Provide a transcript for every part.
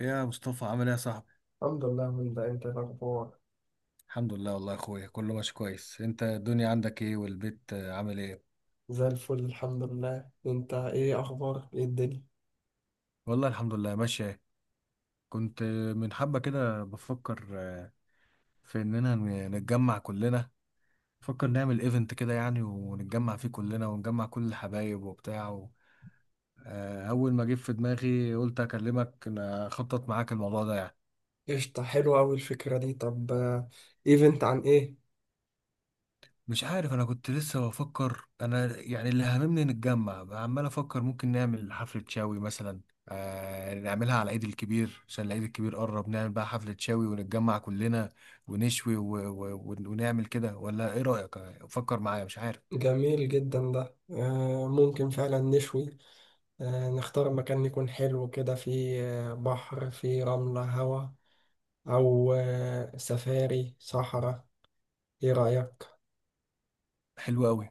يا مصطفى عامل ايه يا صاحبي؟ الحمد لله، من ده. انت إيه الاخبار؟ الحمد لله والله يا اخويا، كله ماشي كويس. انت الدنيا عندك ايه والبيت، عامل ايه؟ زي الفل، الحمد لله. انت ايه اخبارك؟ ايه الدنيا؟ والله الحمد لله ماشية. كنت من حبة كده بفكر في اننا نتجمع كلنا. بفكر نعمل ايفنت كده يعني، ونتجمع فيه كلنا ونجمع كل الحبايب وبتاع اول ما جه في دماغي قلت اكلمك، اخطط معاك الموضوع ده يعني. قشطة، حلوة اوي الفكرة دي. طب ايفنت عن ايه؟ مش عارف، انا كنت لسه بفكر انا، يعني اللي هممني نتجمع، عمال افكر ممكن نعمل حفلة شاوي مثلا. نعملها على العيد الكبير، عشان العيد الكبير قرب، نعمل بقى حفلة شاوي ونتجمع كلنا ونشوي ونعمل كده، ولا ايه رأيك؟ فكر معايا، مش عارف. جميل جدا ده. ممكن فعلا نشوي. نختار مكان يكون حلو كده، فيه بحر، فيه رملة، هوا. او سفاري صحراء. ايه رأيك؟ حلو قوي.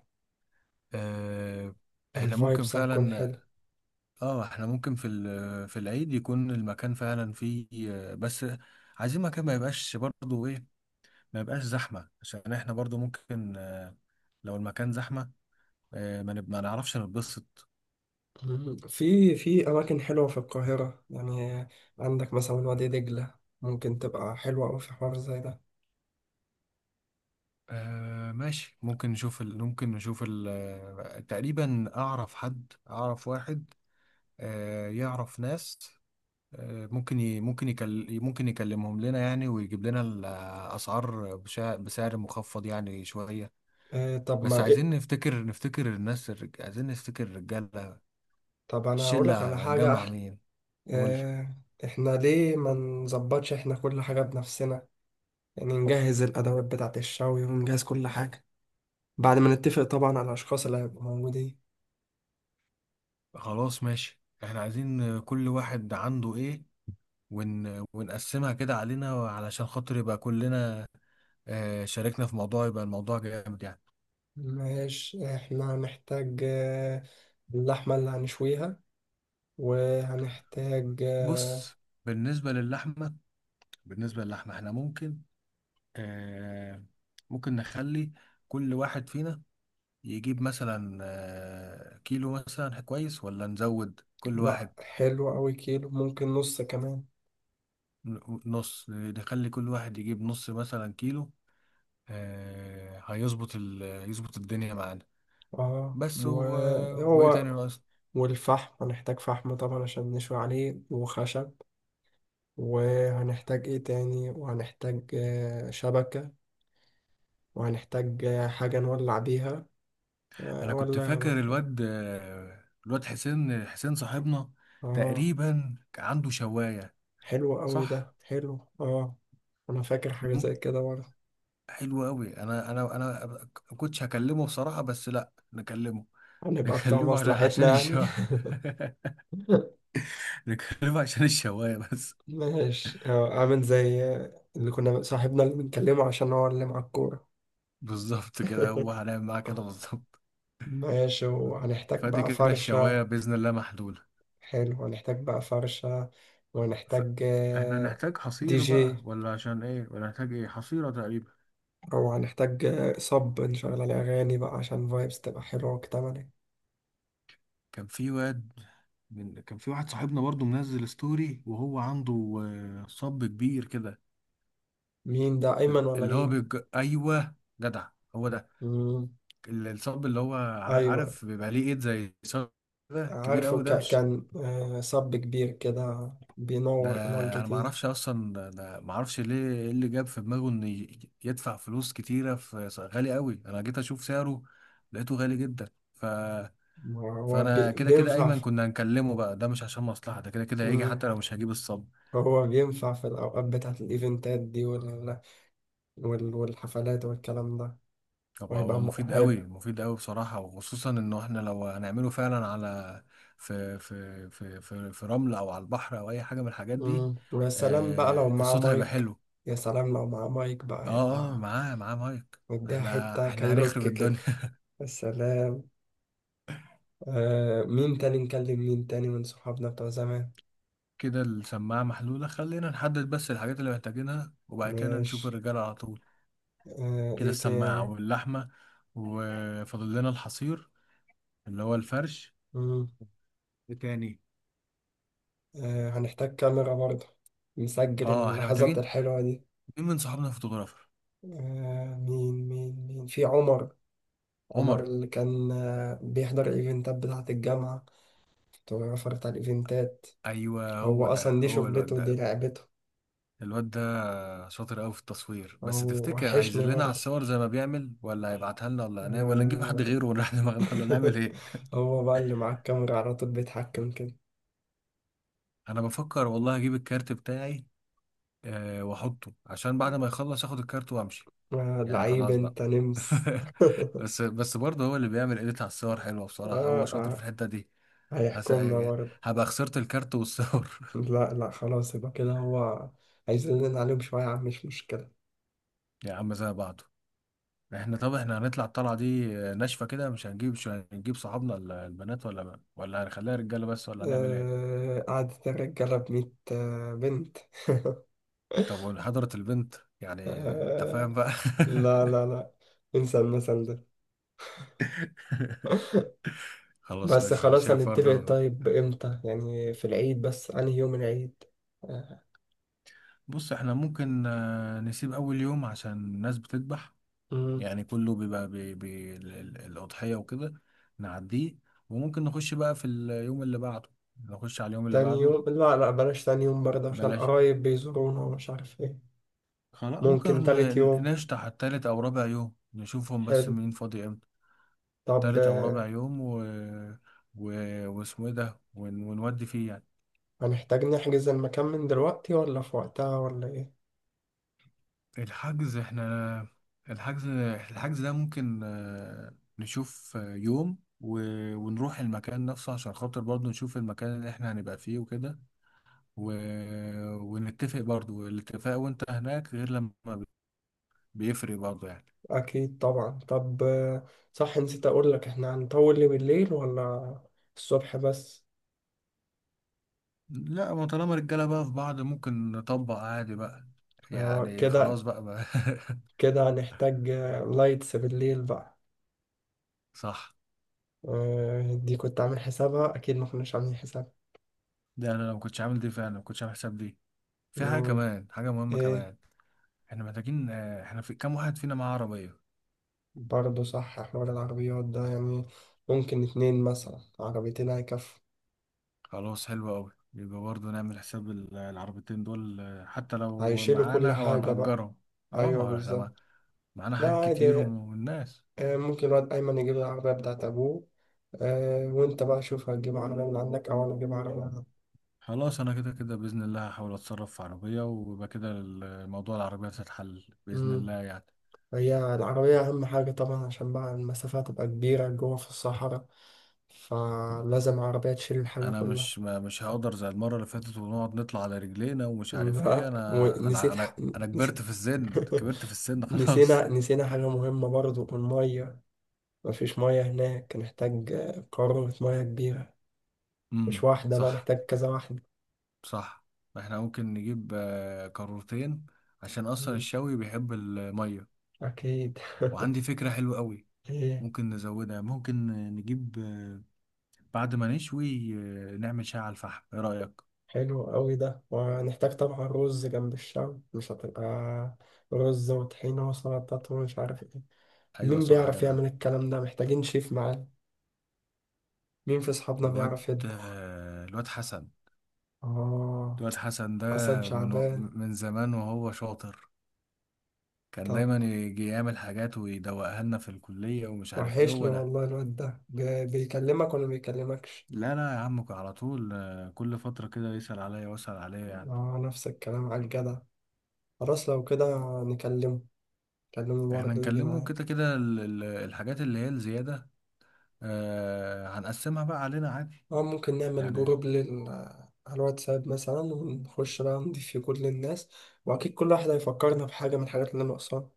آه. احنا ممكن الفايبس هتكون فعلا. حلو. اه، احنا ممكن في في العيد يكون المكان فعلا فيه، بس عايزين مكان ما يبقاش برضه ايه، ما يبقاش زحمة، عشان احنا برضو ممكن لو المكان زحمة ما نعرفش نتبسط. مم. في أماكن حلوة في القاهرة، يعني. عندك مثلا وادي دجلة، ممكن تبقى حلوة أوي في حوار زي ده. ماشي، ممكن نشوف ال... ممكن نشوف ال... آه، تقريبا أعرف حد، أعرف واحد يعرف ناس، ممكن يكلمهم لنا يعني، ويجيب لنا الأسعار بسعر مخفض يعني شوية. طب بس ما إيه. عايزين نفتكر، عايزين نفتكر الرجالة. طب أنا هقولك على الشلة حاجة جمع أحلى. مين؟ قول. آه إحنا ليه ما نظبطش إحنا كل حاجة بنفسنا؟ يعني نجهز الأدوات بتاعة الشوي ونجهز كل حاجة، بعد ما نتفق طبعا على الأشخاص اللي هيبقوا موجودين. خلاص ماشي، احنا عايزين كل واحد عنده ايه ونقسمها كده علينا، علشان خاطر يبقى كلنا شاركنا في موضوع، يبقى الموضوع جامد يعني. ماشي، إحنا هنحتاج اللحمة اللي هنشويها، وهنحتاج بص، بالنسبة للحمة، احنا ممكن آه، ممكن نخلي كل واحد فينا يجيب مثلا كيلو مثلا، كويس؟ ولا نزود كل لا، واحد حلو أوي، كيلو ممكن نص كمان. نص، نخلي كل واحد يجيب نص مثلا كيلو آه، هيظبط ال... يظبط الدنيا معانا. اه، بس وايه تاني وهو. ناقص؟ والفحم هنحتاج فحم طبعا عشان نشوي عليه، وخشب. وهنحتاج ايه تاني؟ وهنحتاج شبكة. وهنحتاج حاجة نولع بيها انا كنت ولا فاكر باشا. الواد الواد حسين، حسين صاحبنا اه، تقريبا عنده شوايه. حلو أوي صح. ده، حلو، اه. أنا فاكر حاجة مم. زي كده برضه. حلو قوي. انا ما كنتش هكلمه بصراحه، بس لا نكلمه، هنبقى بتوع نكلمه مصلحتنا عشان يعني. الشوايه. نكلمه عشان الشوايه بس. ماشي، عامل زي اللي كنا صاحبنا اللي بنكلمه، عشان هو اللي مع الكورة. بالظبط كده، هو هنعمل معاه كده بالظبط. ماشي، وهنحتاج فدي بقى كده فرشة. الشوايه باذن الله محلوله. حلو، هنحتاج بقى فرشة. ف... وهنحتاج احنا نحتاج دي حصير بقى، جي، ولا عشان ايه، ولا نحتاج ايه؟ حصيره تقريبا. أو هنحتج صب نشغل عليه أغاني بقى عشان فايبس تبقى حلوة وكتملة. كان في واد كان في واحد صاحبنا برضو منزل ستوري، وهو عنده صب كبير كده. مين ده؟ أيمن ولا اللي هو مين؟ ايوه، جدع، هو ده. مم. الصب اللي هو أيوة. عارف، بيبقى ليه ايد زي صب كده، كبير عارفه، قوي، ده مش، كان صب كبير كده ده بينور ألوان انا ما كتير. اعرفش اصلا، ده ما اعرفش ليه ايه اللي جاب في دماغه ان يدفع فلوس كتيره في غالي قوي، انا جيت اشوف سعره لقيته غالي جدا هو فانا كده كده بينفع ايمن في- كنا هنكلمه بقى، ده مش عشان مصلحه، ده كده كده هيجي مم. حتى لو مش هجيب الصب. هو بينفع في الأوقات بتاعت الإيفنتات دي، والحفلات والكلام ده. هو وهيبقى هو م... مفيد قوي، هيبقى مفيد قوي بصراحة، وخصوصا انه احنا لو هنعمله فعلا على في رمل او على البحر او اي حاجة من الحاجات دي. مم. ويا سلام بقى لو آه، معاه الصوت هيبقى مايك. حلو. يا سلام، لو معاه مايك بقى اه، اه، يبقى معاه مايك. مديها حتة احنا هنخرب كايروكي كده. الدنيا. يا سلام. مين تاني نكلم؟ مين تاني من صحابنا بتوع زمان؟ كده السماعة محلولة، خلينا نحدد بس الحاجات اللي محتاجينها، وبعد كده نشوف ماشي. الرجالة على طول. كده ايه السماعة تاني؟ واللحمة، وفاضل لنا الحصير اللي هو الفرش. مم. إيه تاني؟ هنحتاج كاميرا برضه، نسجل اه، احنا اللحظات محتاجين، الحلوة دي. مين من صحابنا فوتوغرافر؟ مين في عمر؟ عمر عمر. اللي كان بيحضر الايفنتات بتاعة الجامعة، فوتوغرافر بتاع الايفنتات. ايوه، هو هو ده، اصلا دي هو الواد شغلته، دي ده. لعبته. الواد ده شاطر قوي في التصوير، بس هو تفتكر وحشني هيذلنا على برضه. الصور زي ما بيعمل، ولا هيبعتها لنا، ولا هنعمل، ولا نجيب حد آه. غيره ونريح دماغنا، ولا نعمل ايه؟ هو بقى اللي معاه الكاميرا على طول بيتحكم كده. انا بفكر والله اجيب الكارت بتاعي واحطه، عشان بعد ما يخلص اخد الكارت وامشي. آه. يعني لعيب خلاص بقى. انت نمس. بس برضه هو اللي بيعمل اديت على الصور، حلوه بصراحه، آه. هو شاطر في آه. الحته دي. هس... هيحكمنا برضه. هبقى خسرت الكارت والصور. لا، لا، خلاص يبقى كده هو هيزلنا عليهم شوية، يا عم، مش مشكلة. يا عم زي بعضه. طب احنا هنطلع الطلعة دي ناشفة كده؟ مش هنجيب صحابنا البنات، ولا هنخليها رجالة بس، ولا هنعمل ايه؟ آه. قعدت الرجالة بميت بنت. طب وحضرت البنت يعني؟ انت فاهم آه. بقى. لا، لا، لا، انسى المثل ده. خلاص بس ماشي، انا خلاص شايف هنتفق. برضه. طيب امتى يعني؟ في العيد، بس انهي يوم العيد؟ بص، احنا ممكن نسيب اول يوم عشان الناس بتذبح، آه. يعني كله بيبقى الأضحية وكده، نعديه، وممكن نخش بقى في اليوم اللي بعده، نخش على اليوم اللي تاني بعده. يوم، لا، لا، بلاش تاني يوم برضه، عشان بلاش. قرايب بيزورونا ومش عارف ايه. خلاص ممكن ممكن تالت يوم. نشطح التالت او رابع يوم، نشوفهم، بس حلو. مين فاضي امتى؟ طب تالت او رابع يوم و... واسمه ايه ده ونودي فيه يعني. هنحتاج نحجز المكان من دلوقتي ولا في وقتها ولا ايه؟ الحجز، احنا الحجز الحجز ده ممكن نشوف يوم ونروح المكان نفسه، عشان خاطر برضه نشوف المكان اللي احنا هنبقى فيه وكده، و... ونتفق برضه، الاتفاق وانت هناك غير، لما بيفرق برضه يعني. اكيد طبعا. طب صح، نسيت اقول لك، احنا هنطول ليه بالليل ولا الصبح بس؟ لا، ما طالما رجالة بقى في بعض، ممكن نطبق عادي بقى يعني. خلاص كده بقى. كده هنحتاج لايتس بالليل بقى. صح. دي كنت عامل حسابها؟ اكيد ما كناش عاملين حسابها. ده انا ما كنتش عامل دي فعلا، ما كنتش عامل حساب دي. في مم. حاجة مهمة آه، كمان. احنا محتاجين، احنا في كام واحد فينا معاه عربية؟ برضه صح، حوار العربيات ده يعني، ممكن 2 مثلا عربيتين هيكفوا. خلاص حلو قوي، يبقى برضه نعمل حساب العربيتين دول حتى لو هيشيلوا كل معانا او حاجة بقى. هنأجرهم. اه، ما أيوه، هو احنا بالظبط. معانا لا، حاجات كتير عادي. والناس. ممكن الواد أيمن يجيب العربية بتاعت أبوه. وأنت بقى شوف هتجيب عربية من عندك أو أنا أجيب عربية من عندي. خلاص، انا كده كده بإذن الله هحاول اتصرف في عربية، ويبقى كده الموضوع العربية هتتحل بإذن أمم، الله يعني. هي العربية أهم حاجة طبعا، عشان بقى المسافة تبقى كبيرة جوه في الصحراء، فلازم عربية تشيل الحاجة انا كلها. مش ما مش هقدر زي المرة اللي فاتت ونقعد نطلع على رجلينا ومش عارف ايه، لا، انا انا انا انا كبرت نسيت. في السن، كبرت في السن، خلاص. نسينا حاجة مهمة برضه، المية. مفيش مية هناك، نحتاج قارورة مية كبيرة. مش واحدة بقى، صح. نحتاج كذا واحدة. صح، احنا ممكن نجيب قارورتين، عشان اصلا مم. الشوي بيحب الميه. أكيد. وعندي فكرة حلوة قوي. إيه؟ ممكن نزودها، ممكن نجيب بعد ما نشوي نعمل شاي على الفحم، ايه رأيك؟ حلو أوي ده. وهنحتاج طبعا رز. جنب الشام مش هتبقى رز وطحينة وسلطات ومش عارف إيه؟ ايوه مين صح يا بيعرف جدع. يعمل الكلام ده؟ محتاجين شيف معانا. مين في أصحابنا الواد بيعرف يطبخ؟ آه. الواد حسن ده، حسن من شعبان. من زمان وهو شاطر. كان طب، دايما يجي يعمل حاجات ويدوقها لنا في الكلية، ومش عارف ايه، وحشني هو ده. والله الواد ده. بيكلمك ولا بيكلمكش؟ لا لا يا عم، على طول كل فترة كده يسأل عليا واسأل عليا يعني. آه، نفس الكلام على الجدع. خلاص، لو كده نكلمه. كلمه احنا برضه يجي نكلمه معايا. كده كده، الحاجات اللي هي الزيادة، هنقسمها بقى علينا عادي اه، ممكن نعمل يعني. جروب على الواتساب مثلا، ونخش بقى نضيف فيه كل الناس. واكيد كل واحد هيفكرنا بحاجة من الحاجات اللي ناقصاها.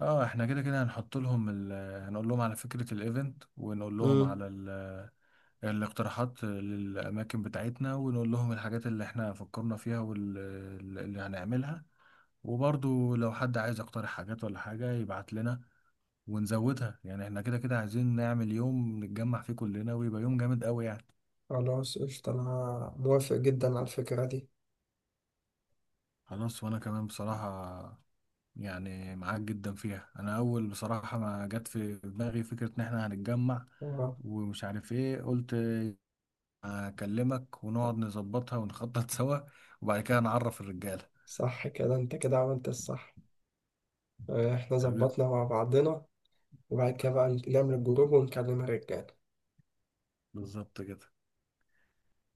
اه، احنا كده كده هنحط لهم هنقول لهم على فكرة الايفنت، ونقول لهم امم على الاقتراحات للأماكن بتاعتنا، ونقول لهم الحاجات اللي احنا فكرنا فيها واللي هنعملها، وبرضو لو حد عايز يقترح حاجات ولا حاجة يبعت لنا ونزودها، يعني احنا كده كده عايزين نعمل يوم نتجمع فيه كلنا، ويبقى يوم جامد قوي يعني. خلاص، قشطة، انا موافق جدا على الفكرة دي. خلاص، وانا كمان بصراحة يعني معاك جدا فيها. انا اول بصراحة ما جت في دماغي فكرة ان احنا هنتجمع اه، ومش عارف ايه، قلت اكلمك ونقعد نظبطها ونخطط سوا، وبعد كده نعرف الرجالة. صح، كده انت كده عملت الصح. احنا حبيبي. ظبطنا مع بعضنا. وبعد كده بقى نعمل الجروب ونكلم الرجال. بالظبط كده.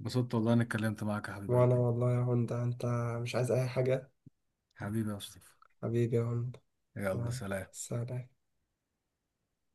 انبسطت والله اني اتكلمت معاك يا حبيب وانا قلبي. والله يا هوندا، انت مش عايز اي حاجة. حبيبي يا مصطفى. حبيبي يا هوندا. يلا يلا، سلام. سلام.